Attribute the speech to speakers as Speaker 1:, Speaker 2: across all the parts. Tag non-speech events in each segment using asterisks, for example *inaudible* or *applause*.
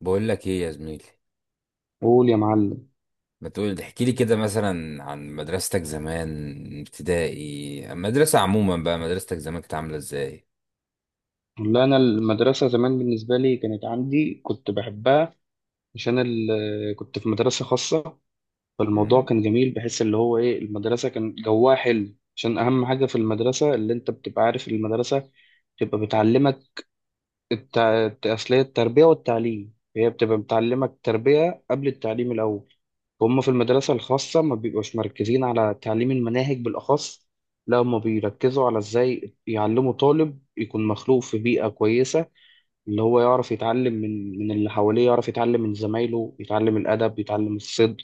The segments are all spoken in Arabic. Speaker 1: بقول لك ايه يا زميلي؟
Speaker 2: قول يا معلم.
Speaker 1: ما تقول احكي لي كده مثلا عن مدرستك زمان، ابتدائي، المدرسة عموما بقى، مدرستك زمان كانت عاملة ازاي؟
Speaker 2: والله انا المدرسه زمان بالنسبه لي كانت عندي كنت بحبها عشان كنت في مدرسه خاصه. فالموضوع
Speaker 1: مم.
Speaker 2: كان جميل، بحس اللي هو ايه المدرسه كان جواها حلو، عشان اهم حاجه في المدرسه اللي انت بتبقى عارف المدرسه تبقى بتعلمك الت... أصلية التربية والتعليم، هي بتبقى بتعلمك التربية قبل التعليم الأول. هم في المدرسة الخاصة ما بيبقوش مركزين على تعليم المناهج بالأخص، لا هم بيركزوا على إزاي يعلموا طالب يكون مخلوق في بيئة كويسة، اللي هو يعرف يتعلم من اللي حواليه، يعرف يتعلم من زمايله، يتعلم الأدب، يتعلم الصدق،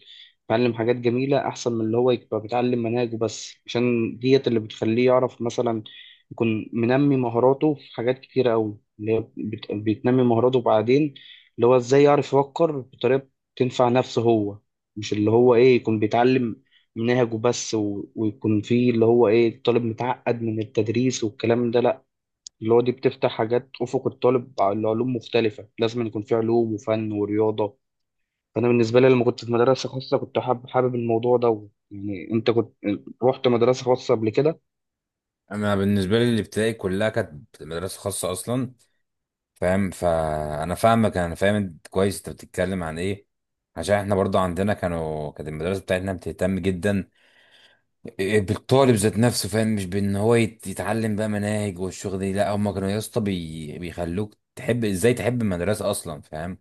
Speaker 2: يتعلم حاجات جميلة أحسن من اللي هو يبقى بيتعلم مناهج بس، عشان ديت اللي بتخليه يعرف مثلا يكون منمي مهاراته في حاجات كتيرة أوي اللي هي بتنمي مهاراته بعدين، اللي هو إزاي يعرف يفكر بطريقة تنفع نفسه هو، مش اللي هو إيه يكون بيتعلم مناهج وبس ويكون فيه اللي هو إيه طالب متعقد من التدريس والكلام ده، لأ. اللي هو دي بتفتح حاجات أفق الطالب على علوم مختلفة، لازم يكون في علوم وفن ورياضة. فأنا بالنسبة لي لما كنت في مدرسة خاصة كنت حابب حابب الموضوع ده. يعني أنت كنت رحت مدرسة خاصة قبل كده؟
Speaker 1: انا بالنسبة لي الابتدائي كلها كانت مدرسة خاصة اصلا، فاهم؟ فانا فاهمك، انا فاهم انت كويس انت بتتكلم عن ايه. عشان احنا برضو عندنا كانت المدرسة بتاعتنا بتهتم جدا بالطالب ذات نفسه، فاهم؟ مش بان هو يتعلم بقى مناهج والشغل دي، لا هم كانوا يا اسطى بيخلوك تحب، ازاي تحب المدرسة اصلا، فاهم؟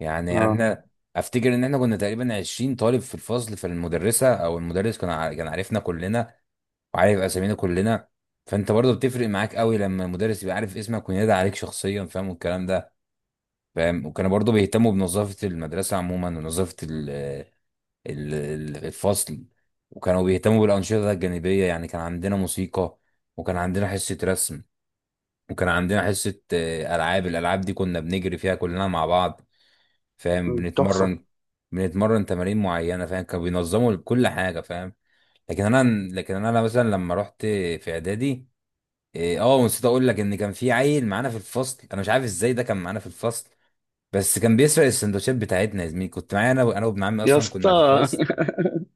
Speaker 1: يعني
Speaker 2: آه.
Speaker 1: احنا افتكر ان احنا كنا تقريبا 20 طالب في الفصل، فالمدرسه او المدرس كان كان عارفنا كلنا وعارف اسامينا كلنا. فانت برضه بتفرق معاك قوي لما المدرس يبقى عارف اسمك وينادي عليك شخصيا، فاهم والكلام ده. فاهم؟ وكانوا برضه بيهتموا بنظافه المدرسه عموما، ونظافه الفصل، وكانوا بيهتموا بالانشطه الجانبيه، يعني كان عندنا موسيقى، وكان عندنا حصه رسم، وكان عندنا حصه الالعاب دي كنا بنجري فيها كلنا مع بعض، فاهم؟
Speaker 2: مم، تحفة.
Speaker 1: بنتمرن، بنتمرن تمارين معينه، فاهم؟ كانوا بينظموا كل حاجه، فاهم؟ لكن انا، لكن انا مثلا لما رحت في اعدادي، إيه، اه ونسيت اقول لك ان كان في عيل معانا في الفصل، انا مش عارف ازاي ده كان معانا في الفصل، بس كان بيسرق السندوتشات بتاعتنا يا زميلي، كنت معايا انا وابن عمي
Speaker 2: يا
Speaker 1: اصلا كنا في
Speaker 2: اسطى.
Speaker 1: الفصل.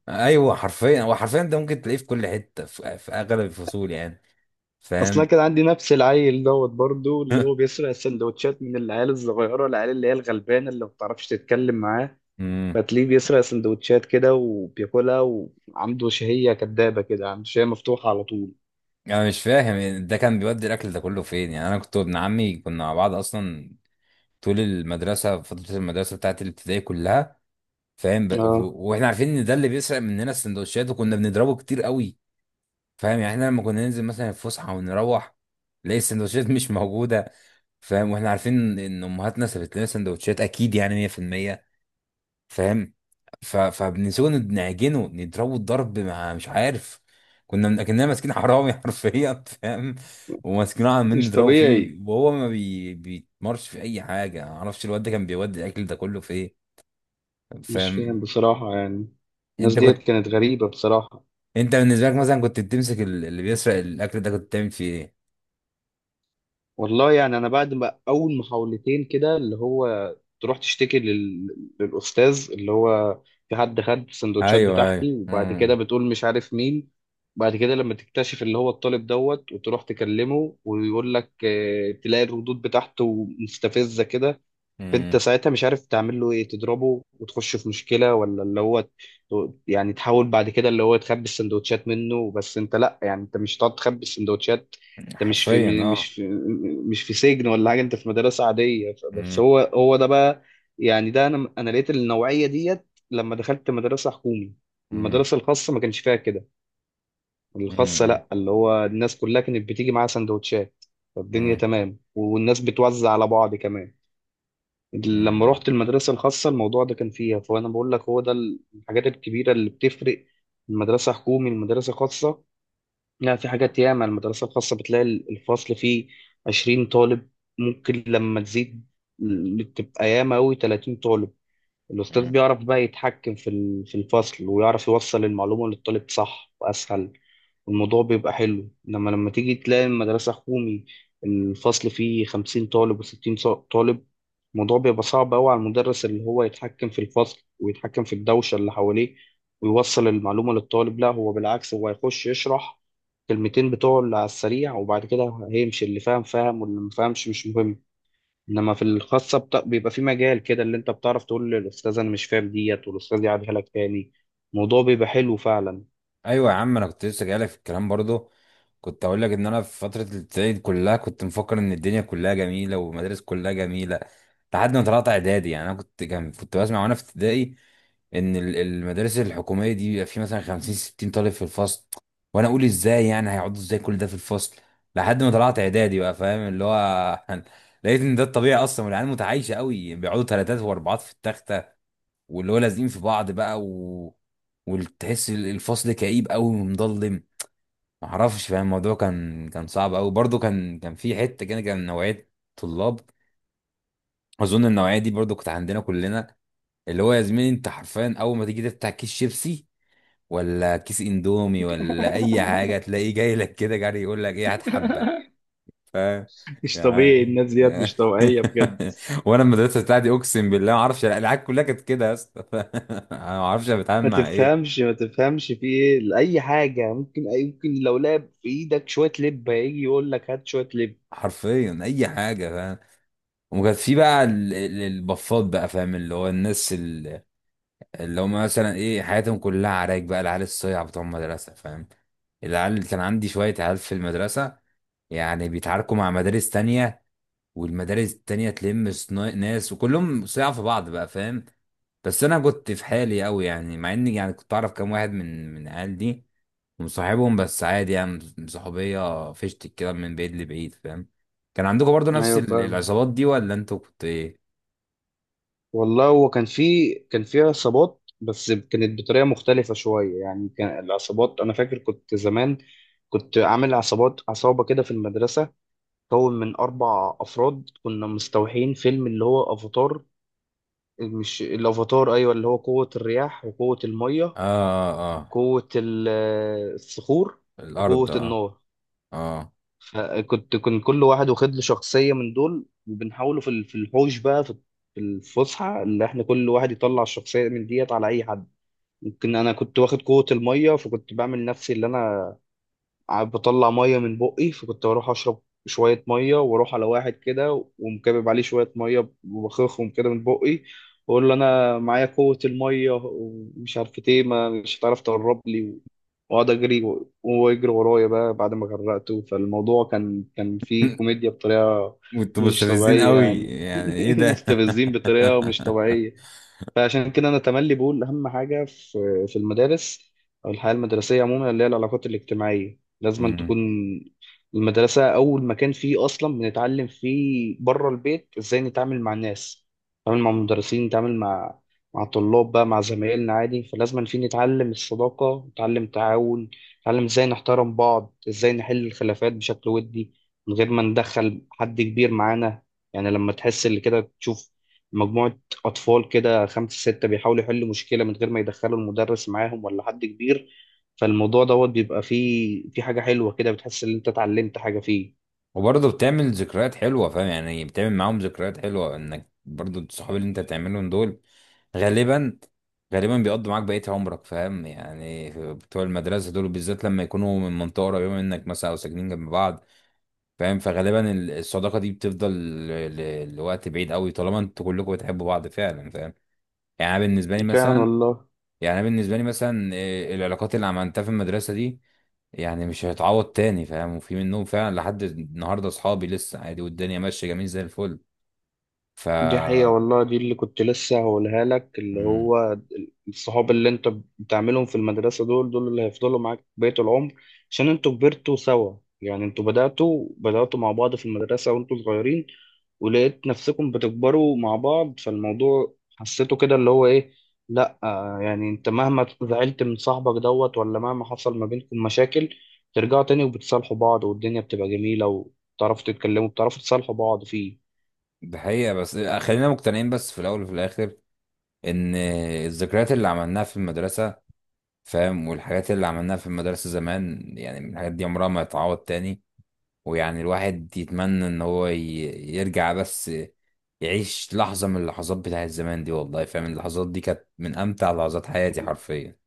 Speaker 1: ايوه حرفيا، هو حرفيا ده ممكن تلاقيه في كل حته، في اغلب الفصول يعني،
Speaker 2: *laughs* أصلا
Speaker 1: فاهم؟
Speaker 2: كان عندي نفس العيل دوت برضو، اللي هو
Speaker 1: *laughs*
Speaker 2: بيسرق السندوتشات من العيال الصغيرة، العيال اللي هي الغلبانة اللي ما بتعرفش تتكلم معاه،
Speaker 1: امم.
Speaker 2: فتلاقيه بيسرق سندوتشات كده وبياكلها، وعنده شهية كدابة كده، عنده شهية مفتوحة على طول.
Speaker 1: انا مش فاهم ده كان بيودي الاكل ده كله فين، يعني انا كنت وابن عمي كنا مع بعض اصلا طول المدرسه، فتره المدرسه بتاعت الابتدائي كلها، فاهم؟
Speaker 2: اه.
Speaker 1: واحنا عارفين ان ده اللي بيسرق مننا السندوتشات، وكنا بنضربه كتير قوي، فاهم؟ يعني احنا لما كنا ننزل مثلا الفسحه ونروح نلاقي السندوتشات مش موجوده، فاهم؟ واحنا عارفين ان امهاتنا سابت لنا سندوتشات اكيد، يعني 100%، فاهم؟ فبنسيبه نعجنه نضربه الضرب، مع مش عارف، كنا ماسكين حرامي *laughs* حرفيا، فاهم؟ وماسكينه عمالين
Speaker 2: مش
Speaker 1: نضربه فيه،
Speaker 2: طبيعي.
Speaker 1: وهو ما بي... بيتمرش في اي حاجه، ما اعرفش الواد ده كان بيودي الاكل ده كله في ايه،
Speaker 2: مش فاهم
Speaker 1: فاهم؟
Speaker 2: بصراحة يعني. الناس
Speaker 1: انت
Speaker 2: ديت
Speaker 1: كنت،
Speaker 2: كانت غريبة بصراحة.
Speaker 1: انت بالنسبه لك مثلا كنت بتمسك اللي بيسرق الاكل ده كنت بتعمل فيه ايه؟
Speaker 2: والله يعني أنا بعد ما أول محاولتين كده، اللي هو تروح تشتكي للأستاذ اللي هو في حد خد السندوتشات
Speaker 1: ايوه، ايوه،
Speaker 2: بتاعتي، وبعد كده
Speaker 1: امم.
Speaker 2: بتقول مش عارف مين، بعد كده لما تكتشف اللي هو الطالب دوت وتروح تكلمه ويقول لك آه، تلاقي الردود بتاعته مستفزة كده، فانت
Speaker 1: امم.
Speaker 2: ساعتها مش عارف تعمل له ايه، تضربه وتخش في مشكله ولا اللي هو يعني تحاول بعد كده اللي هو تخبي السندوتشات منه؟ بس انت لا، يعني انت مش هتقعد تخبي السندوتشات، انت
Speaker 1: حرفيا، اه.
Speaker 2: مش في سجن ولا حاجه، انت في مدرسه عاديه، بس
Speaker 1: امم.
Speaker 2: هو هو ده بقى. يعني ده انا لقيت النوعيه ديت لما دخلت مدرسه حكومي.
Speaker 1: امم.
Speaker 2: المدرسه الخاصه ما كانش فيها كده، الخاصه لا، اللي هو الناس كلها كانت بتيجي معاها سندوتشات، فالدنيا
Speaker 1: امم.
Speaker 2: تمام، والناس بتوزع على بعض كمان. لما
Speaker 1: امم.
Speaker 2: رحت المدرسة الخاصة الموضوع ده كان فيها، فأنا بقول لك هو ده الحاجات الكبيرة اللي بتفرق المدرسة حكومي المدرسة خاصة. لا، في حاجات، ياما المدرسة الخاصة بتلاقي الفصل فيه 20 طالب، ممكن لما تزيد تبقى ياما أوي 30 طالب، الأستاذ بيعرف بقى يتحكم في في الفصل ويعرف يوصل المعلومة للطالب صح وأسهل، والموضوع بيبقى حلو. إنما لما تيجي تلاقي المدرسة حكومي الفصل فيه 50 طالب وستين طالب، الموضوع بيبقى صعب أوي على المدرس اللي هو يتحكم في الفصل ويتحكم في الدوشة اللي حواليه ويوصل المعلومة للطالب. لا، هو بالعكس، هو هيخش يشرح كلمتين بتوع اللي على السريع وبعد كده هيمشي، اللي فاهم فاهم واللي مفهمش مش مهم. انما في الخاصه بيبقى في مجال كده اللي انت بتعرف تقول للاستاذ انا مش فاهم ديت، والاستاذ يعيدها لك تاني، الموضوع بيبقى حلو فعلا.
Speaker 1: ايوه يا عم، انا كنت لسه جايلك في الكلام برضو، كنت اقول لك ان انا في فتره الابتدائي دي كلها كنت مفكر ان الدنيا كلها جميله والمدارس كلها جميله، لحد ما طلعت اعدادي. يعني انا كنت، كنت بسمع وانا في ابتدائي ان المدارس الحكوميه دي بيبقى في مثلا 50 60 طالب في الفصل، وانا اقول ازاي يعني، هيقعدوا ازاي كل ده في الفصل؟ لحد ما طلعت اعدادي بقى، فاهم؟ اللي هو *laughs* لقيت ان ده الطبيعي اصلا، والعيال متعايشه قوي، بيقعدوا ثلاثات واربعات في التخت، واللي هو لازقين في بعض بقى، وتحس الفصل كئيب قوي ومظلم، معرفش، فاهم؟ الموضوع كان صعب قوي برضو، كان في حته كده، كان نوعيه طلاب، اظن النوعيه دي برضو كانت عندنا كلنا، اللي هو يا زميلي انت حرفيا اول ما تيجي تفتح كيس شيبسي ولا كيس اندومي ولا اي حاجه،
Speaker 2: *laughs*
Speaker 1: تلاقيه جاي لك كده جري يقول لك ايه هات حبه،
Speaker 2: مش طبيعي،
Speaker 1: يعني!
Speaker 2: الناس ديت مش طبيعيه بجد،
Speaker 1: *laughs* وانا المدرسه بتاعتي اقسم بالله ما اعرفش، العيال كلها كانت كده يا اسطى *laughs* ما اعرفش انا بتعامل
Speaker 2: ما
Speaker 1: مع ايه،
Speaker 2: تفهمش ما تفهمش في ايه، لاي حاجه ممكن لو لعب في ايدك شويه لب هيجي يقول لك هات شويه لب.
Speaker 1: حرفيا اي حاجه، فاهم؟ وكانت في بقى البفات بقى، فاهم؟ اللي هو الناس اللي هم مثلا ايه، حياتهم كلها عراك بقى، العيال الصيع بتوع المدرسه، فاهم؟ العيال اللي كان عندي، شويه عيال في المدرسه يعني بيتعاركوا مع مدارس تانية، والمدارس التانية تلم ناس، وكلهم صيع في بعض بقى، فاهم؟ بس انا كنت في حالي قوي يعني، مع اني يعني كنت اعرف كام واحد من العيال دي، مصاحبهم بس عادي يعني، صحوبية فشت كده من بعيد لبعيد، فاهم؟ كان عندكم برضو نفس
Speaker 2: ايوه فاهم.
Speaker 1: العصابات دي ولا انتوا كنت ايه؟
Speaker 2: والله هو كان في عصابات، بس كانت بطريقه مختلفه شويه. يعني كان العصابات انا فاكر كنت زمان كنت عامل عصابات، عصابه كده في المدرسه، مكون من أربع أفراد، كنا مستوحين فيلم اللي هو أفاتار. مش الأفاتار، أيوة، اللي هو قوة الرياح وقوة المية،
Speaker 1: اه، اه، آه.
Speaker 2: قوة الصخور،
Speaker 1: الارض،
Speaker 2: وقوة
Speaker 1: اه.
Speaker 2: النار.
Speaker 1: اه.
Speaker 2: كان كل واحد واخد له شخصية من دول، وبنحاوله في في الحوش بقى، في الفسحة، اللي احنا كل واحد يطلع الشخصية من ديت على أي حد. ممكن أنا كنت واخد قوة المية، فكنت بعمل نفسي اللي أنا قاعد بطلع ميه من بقي، فكنت بروح اشرب شويه ميه واروح على واحد كده ومكبب عليه شويه ميه وبخخهم كده من بقي، واقول له انا معايا قوه الميه ومش عارف ايه، ما مش هتعرف تقرب لي، واقعد اجري وهو يجري ورايا بقى بعد ما غرقته. فالموضوع كان فيه
Speaker 1: *laughs*
Speaker 2: كوميديا بطريقه
Speaker 1: انتوا
Speaker 2: مش
Speaker 1: مستفزين
Speaker 2: طبيعيه
Speaker 1: قوي،
Speaker 2: يعني.
Speaker 1: يعني ايه
Speaker 2: *laughs*
Speaker 1: ده؟
Speaker 2: مستفزين بطريقه مش طبيعيه. فعشان كده انا تملي بقول اهم حاجه في المدارس او الحياه المدرسيه عموما اللي هي العلاقات الاجتماعيه، لازم أن
Speaker 1: *laughs*
Speaker 2: تكون.
Speaker 1: *laughs*
Speaker 2: المدرسه اول مكان فيه اصلا بنتعلم فيه بره البيت ازاي نتعامل مع الناس، نتعامل مع المدرسين، نتعامل مع الطلاب بقى، مع زمايلنا عادي، فلازم أن فيه نتعلم الصداقه، نتعلم التعاون، نتعلم ازاي نحترم بعض، ازاي نحل الخلافات بشكل ودي من غير ما ندخل حد كبير معانا. يعني لما تحس اللي كده تشوف مجموعة أطفال كده، خمسة ستة، بيحاولوا يحلوا مشكلة من غير ما يدخلوا المدرس معاهم ولا حد كبير، فالموضوع دوت بيبقى فيه، في حاجة حلوة كده، بتحس إن أنت اتعلمت حاجة فيه.
Speaker 1: وبرضه بتعمل ذكريات حلوة، فاهم؟ يعني بتعمل معاهم ذكريات حلوة، انك برضه الصحاب اللي انت تعملهم دول غالبا، غالبا بيقضوا معاك بقية عمرك، فاهم؟ يعني بتوع المدرسة دول بالذات لما يكونوا من منطقة قريبة منك مثلا، أو ساكنين جنب بعض، فاهم؟ فغالبا الصداقة دي بتفضل لوقت بعيد قوي، طالما انتوا كلكم بتحبوا بعض فعلا، فاهم؟ يعني أنا بالنسبة لي
Speaker 2: فعلا
Speaker 1: مثلا،
Speaker 2: والله.
Speaker 1: يعني أنا بالنسبة لي مثلا العلاقات اللي عملتها في المدرسة دي يعني مش هتعوض تاني، فاهم؟ وفي منهم فعلا لحد النهاردة أصحابي لسه عادي، والدنيا ماشية جميل زي الفل. ف
Speaker 2: دي حقيقة والله، دي اللي كنت لسه هقولها لك، اللي
Speaker 1: مم.
Speaker 2: هو الصحاب اللي انت بتعملهم في المدرسة دول، دول اللي هيفضلوا معاك بقية العمر، عشان انتوا كبرتوا سوا، يعني انتوا بدأتوا مع بعض في المدرسة وانتوا صغيرين، ولقيت نفسكم بتكبروا مع بعض، فالموضوع حسيته كده اللي هو ايه، لا يعني انت مهما زعلت من صاحبك دوت، ولا مهما حصل ما بينكم مشاكل، ترجعوا تاني وبتصالحوا بعض، والدنيا بتبقى جميلة، وتعرفوا تتكلموا، بتعرفوا تصالحوا بعض فيه.
Speaker 1: ده حقيقة، بس خلينا مقتنعين بس في الأول وفي الآخر إن الذكريات اللي عملناها في المدرسة، فاهم؟ والحاجات اللي عملناها في المدرسة زمان، يعني الحاجات دي عمرها ما هتعوض تاني، ويعني الواحد يتمنى ان هو يرجع بس يعيش لحظة من اللحظات بتاعت زمان دي، والله، فاهم؟ اللحظات دي كانت من امتع لحظات حياتي حرفيا.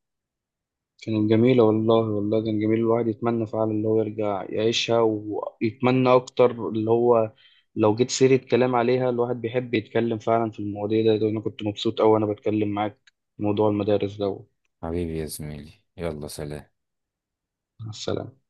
Speaker 2: كانت جميلة والله، والله كان جميل، الواحد يتمنى فعلا اللي هو يرجع يعيشها، ويتمنى أكتر اللي هو لو جيت سيرة كلام عليها الواحد بيحب يتكلم فعلا في المواضيع ده. وأنا كنت مبسوط أوي وأنا بتكلم معاك في موضوع المدارس ده.
Speaker 1: حبيبي يا زميلي، يلا سلام.
Speaker 2: مع السلامة.